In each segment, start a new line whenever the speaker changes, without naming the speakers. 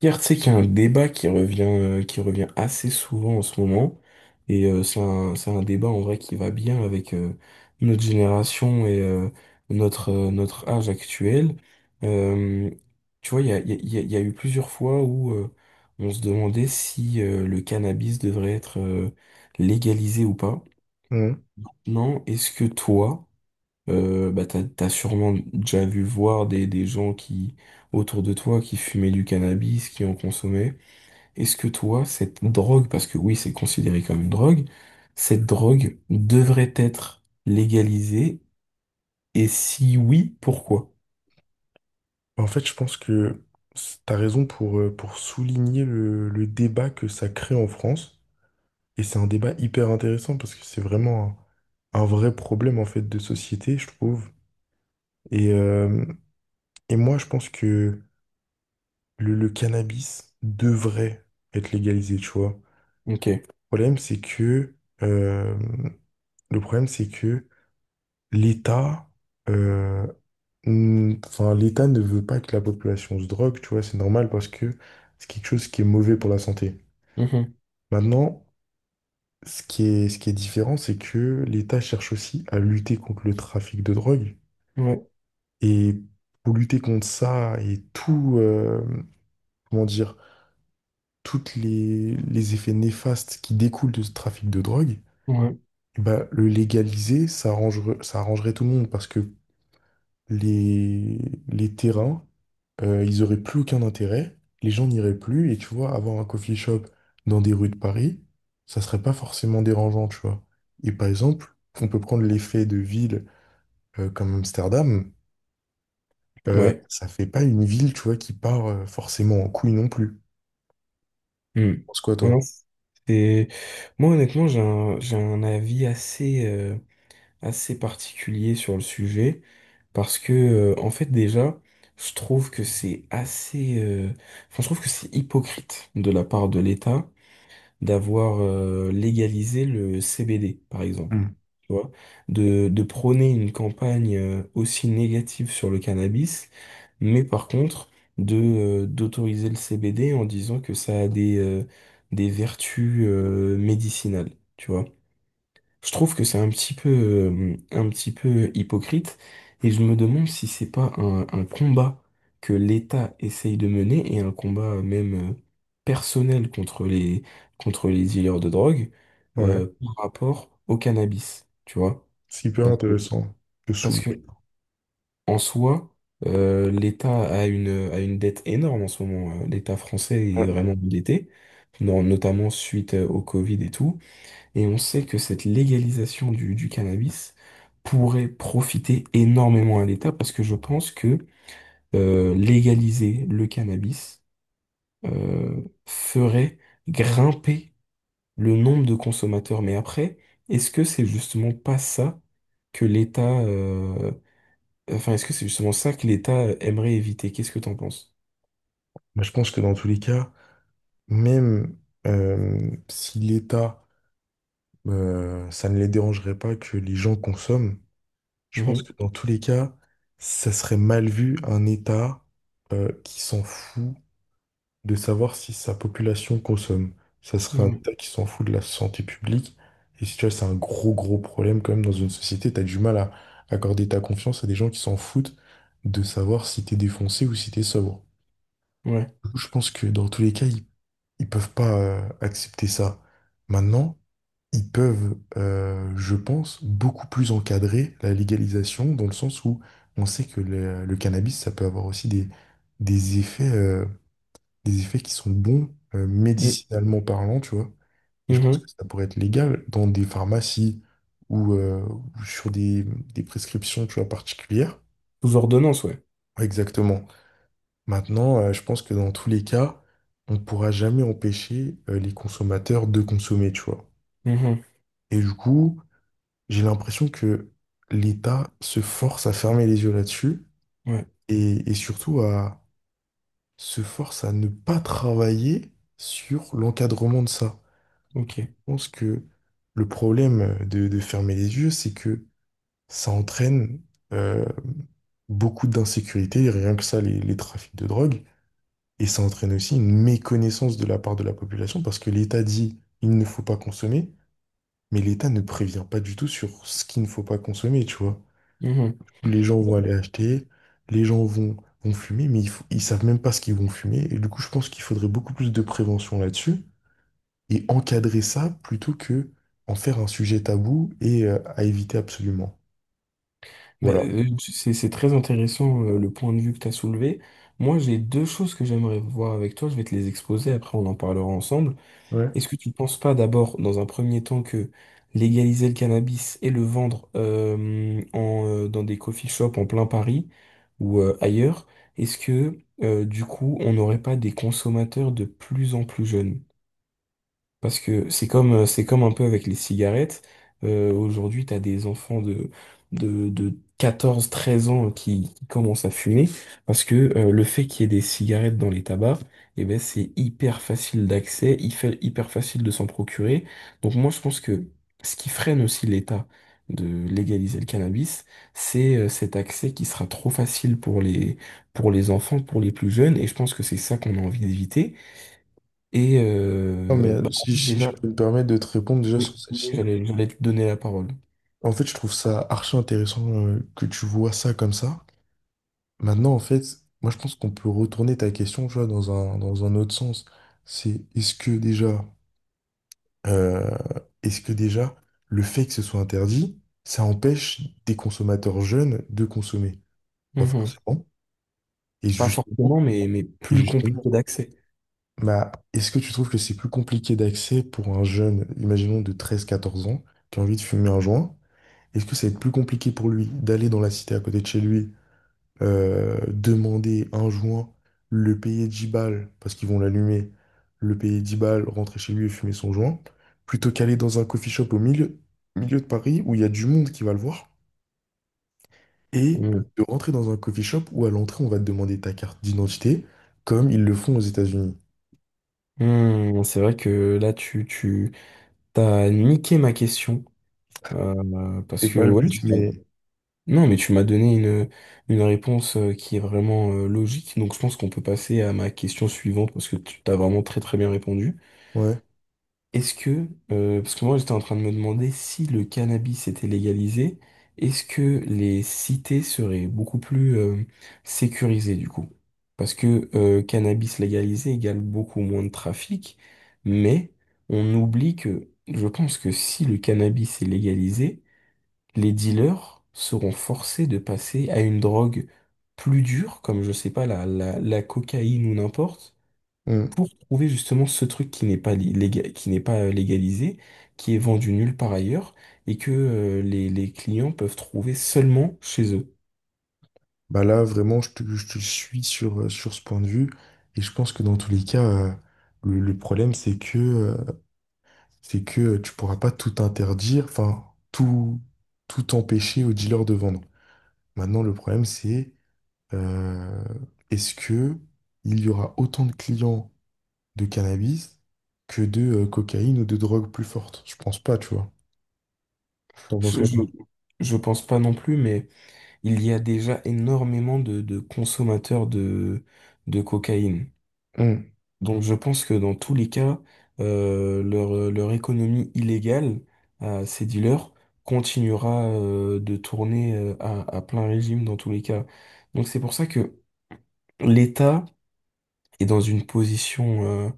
Pierre, tu sais qu'il y a un débat qui revient assez souvent en ce moment, c'est c'est un débat en vrai qui va bien avec notre génération notre, notre âge actuel. Euh, Tu vois, il y a, il y a eu plusieurs fois où on se demandait si le cannabis devrait être légalisé ou pas.
Mhm.
Non, est-ce que toi, t'as sûrement déjà vu voir des gens qui, autour de toi qui fumaient du cannabis, qui en consommaient. Est-ce que toi, cette drogue, parce que oui, c'est considéré comme une drogue, cette drogue devrait être légalisée? Et si oui, pourquoi?
En fait, je pense que t'as raison pour souligner le débat que ça crée en France. Et c'est un débat hyper intéressant parce que c'est vraiment un vrai problème en fait de société, je trouve. Et, euh, et moi, je pense que le cannabis devrait être légalisé, tu vois. Le
Ok.
problème, c'est que, euh, le problème, c'est que l'État, euh, Enfin, l'État ne veut pas que la population se drogue, tu vois, c'est normal parce que c'est quelque chose qui est mauvais pour la santé.
Mhm.
Maintenant, ce qui est différent, c'est que l'État cherche aussi à lutter contre le trafic de drogue.
Ouais,
Et pour lutter contre ça et tout, comment dire, toutes les effets néfastes qui découlent de ce trafic de drogue,
ouais,
bah, le légaliser, ça arrangerait tout le monde parce que les, les terrains ils auraient plus aucun intérêt, les gens n'iraient plus, et tu vois, avoir un coffee shop dans des rues de Paris, ça serait pas forcément dérangeant, tu vois. Et par exemple, on peut prendre l'effet de ville comme Amsterdam,
ouais.
ça fait pas une ville, tu vois, qui part forcément en couille non plus.
Hmm.
Tu penses quoi,
Ouais, non,
toi?
c'est... Moi, honnêtement, j'ai un avis assez, assez particulier sur le sujet, parce que, en fait, déjà, je trouve que c'est je trouve que c'est hypocrite de la part de l'État d'avoir légalisé le CBD, par exemple.
Hmm.
Tu vois, de prôner une campagne aussi négative sur le cannabis, mais par contre de d'autoriser le CBD en disant que ça a des vertus médicinales. Tu vois. Je trouve que c'est un petit peu hypocrite et je me demande si c'est pas un combat que l'État essaye de mener et un combat même personnel contre contre les dealers de drogue
Ouais,
par rapport au cannabis, tu vois.
c'est hyper
Parce que,
intéressant de
Parce
soulever.
que en soi, l'État a a une dette énorme en ce moment. L'État français est
Ouais.
vraiment endetté, notamment suite au Covid et tout. Et on sait que cette légalisation du cannabis pourrait profiter énormément à l'État parce que je pense que légaliser le cannabis ferait grimper le nombre de consommateurs. Mais après, est-ce que c'est justement pas ça que l'État... est-ce que c'est justement ça que l'État aimerait éviter? Qu'est-ce que t'en penses?
Bah, je pense que dans tous les cas, même euh, si l'État, ça ne les dérangerait pas que les gens consomment, je pense que
Mhm.
dans tous les cas, ça serait mal vu un État qui s'en fout de savoir si sa population consomme. Ça serait un
Mhm.
État qui s'en fout de la santé publique. Et si tu vois, c'est un gros, gros problème quand même dans une société. T'as du mal à accorder ta confiance à des gens qui s'en foutent de savoir si t'es défoncé ou si t'es sobre.
Ouais.
Je pense que dans tous les cas, ils peuvent pas accepter ça. Maintenant, ils peuvent, je pense, beaucoup plus encadrer la légalisation dans le sens où on sait que le cannabis, ça peut avoir aussi des effets, euh, des effets qui sont bons,
Mhm.
médicinalement parlant, tu vois. Et je pense que
Mhm.
ça pourrait être légal dans des pharmacies ou sur des prescriptions, tu vois, particulières.
Sous ordonnance, ouais.
Exactement. Maintenant, je pense que dans tous les cas, on ne pourra jamais empêcher, les consommateurs de consommer, tu vois.
Mhm.
Et du coup, j'ai l'impression que l'État se force à fermer les yeux là-dessus
Ouais.
et surtout à se force à ne pas travailler sur l'encadrement de ça.
Ok.
Je pense que le problème de fermer les yeux, c'est que ça entraîne euh, beaucoup d'insécurité, rien que ça, les trafics de drogue, et ça entraîne aussi une méconnaissance de la part de la population parce que l'État dit il ne faut pas consommer, mais l'État ne prévient pas du tout sur ce qu'il ne faut pas consommer, tu vois.
Mhm.
Les gens vont aller acheter, les gens vont, vont fumer, mais ils savent même pas ce qu'ils vont fumer. Et du coup, je pense qu'il faudrait beaucoup plus de prévention là-dessus et encadrer ça plutôt que en faire un sujet tabou et à éviter absolument.
Mais,
Voilà.
c'est très intéressant le point de vue que tu as soulevé. Moi, j'ai deux choses que j'aimerais voir avec toi. Je vais te les exposer, après on en parlera ensemble.
Ouais.
Est-ce que tu ne penses pas d'abord, dans un premier temps, que légaliser le cannabis et le vendre dans des coffee shops en plein Paris ou ailleurs, est-ce que du coup, on n'aurait pas des consommateurs de plus en plus jeunes? Parce que c'est comme un peu avec les cigarettes. Aujourd'hui, tu as des enfants de 14, 13 ans qui commencent à fumer. Parce que le fait qu'il y ait des cigarettes dans les tabacs, eh ben, c'est hyper facile d'accès, hyper facile de s'en procurer. Donc moi, je pense que ce qui freine aussi l'État de légaliser le cannabis, c'est cet accès qui sera trop facile pour pour les enfants, pour les plus jeunes. Et je pense que c'est ça qu'on a envie d'éviter.
Non, mais
En fait,
si je
déjà,
peux me permettre de te répondre déjà
oui,
sur
oui,
celle-ci,
j'allais, j'allais te donner la parole.
en fait, je trouve ça archi intéressant que tu vois ça comme ça. Maintenant, en fait, moi, je pense qu'on peut retourner ta question, tu vois, dans dans un autre sens. C'est Euh, est-ce que déjà, le fait que ce soit interdit, ça empêche des consommateurs jeunes de consommer? Pas
Mhm.
forcément. Et
Pas
justement,
forcément, mais
et
plus
justement,
compliqué d'accès.
bah, est-ce que tu trouves que c'est plus compliqué d'accès pour un jeune, imaginons de 13 14 ans, qui a envie de fumer un joint? Est-ce que ça va être plus compliqué pour lui d'aller dans la cité à côté de chez lui demander un joint, le payer 10 balles, parce qu'ils vont l'allumer, le payer 10 balles, rentrer chez lui et fumer son joint, plutôt qu'aller dans un coffee shop au milieu, milieu de Paris où il y a du monde qui va le voir, et
Mhm.
de rentrer dans un coffee shop où à l'entrée on va te demander ta carte d'identité, comme ils le font aux États-Unis.
Mhm, c'est vrai que là, tu t'as niqué ma question. Parce
C'est
que,
pas le
ouais, tu
but,
m'as-
mais
Non, mais tu m'as donné une réponse qui est vraiment logique. Donc, je pense qu'on peut passer à ma question suivante parce que tu t'as vraiment très, très bien répondu.
ouais.
Est-ce que, parce que moi j'étais en train de me demander si le cannabis était légalisé, est-ce que les cités seraient beaucoup plus sécurisées du coup? Parce que cannabis légalisé égale beaucoup moins de trafic, mais on oublie que je pense que si le cannabis est légalisé, les dealers seront forcés de passer à une drogue plus dure, comme je sais pas, la cocaïne ou n'importe
Mm.
pour trouver justement ce truc qui n'est pas qui n'est pas légalisé, qui est vendu nulle part ailleurs, et que les clients peuvent trouver seulement chez eux.
Bah là, vraiment, je te suis sur, sur ce point de vue, et je pense que dans tous les cas, le problème, c'est que tu pourras pas tout interdire, enfin, tout, tout empêcher aux dealers de vendre. Maintenant, le problème, c'est euh, est-ce que il y aura autant de clients de cannabis que de cocaïne ou de drogue plus forte? Je pense pas, tu vois. T'en penses
Je,
quoi,
je,
toi?
je pense pas non plus, mais il y a déjà énormément de consommateurs de cocaïne.
Hum,
Donc je pense que dans tous les cas, leur économie illégale à ces dealers continuera de tourner à plein régime dans tous les cas. Donc c'est pour ça que l'État est dans une position euh,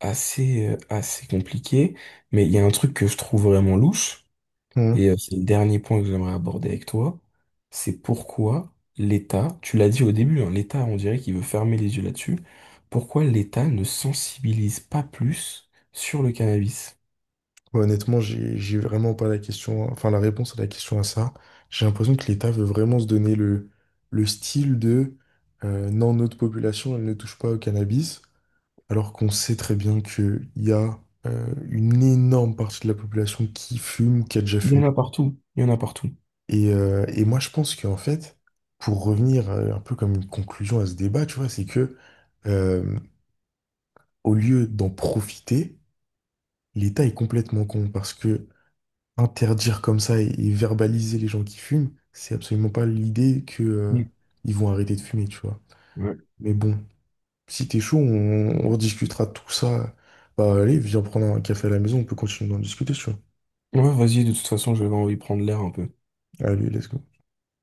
assez, euh, assez compliquée. Mais il y a un truc que je trouve vraiment louche,
hum.
c'est le dernier point que j'aimerais aborder avec toi, c'est pourquoi l'État, tu l'as dit au début, hein, l'État, on dirait qu'il veut fermer les yeux là-dessus, pourquoi l'État ne sensibilise pas plus sur le cannabis?
Ouais, honnêtement, j'ai vraiment pas la question, enfin, la réponse à la question à ça. J'ai l'impression que l'État veut vraiment se donner le style de non, notre population, elle ne touche pas au cannabis. Alors qu'on sait très bien qu'il y a une énorme partie de la population qui fume, qui a déjà
Il y
fumé.
en a partout, il y en a partout.
Et moi, je pense qu'en fait, pour revenir un peu comme une conclusion à ce débat, tu vois, c'est que euh, au lieu d'en profiter, l'État est complètement con parce que interdire comme ça et verbaliser les gens qui fument, c'est absolument pas l'idée que
Mm.
ils vont arrêter de fumer, tu vois.
Ouais.
Mais bon, si t'es chaud, on rediscutera de tout ça. Bah allez, viens prendre un café à la maison, on peut continuer d'en discuter, si tu vois.
Ouais, vas-y, de toute façon, je vais envie de prendre l'air un peu.
Allez, let's go.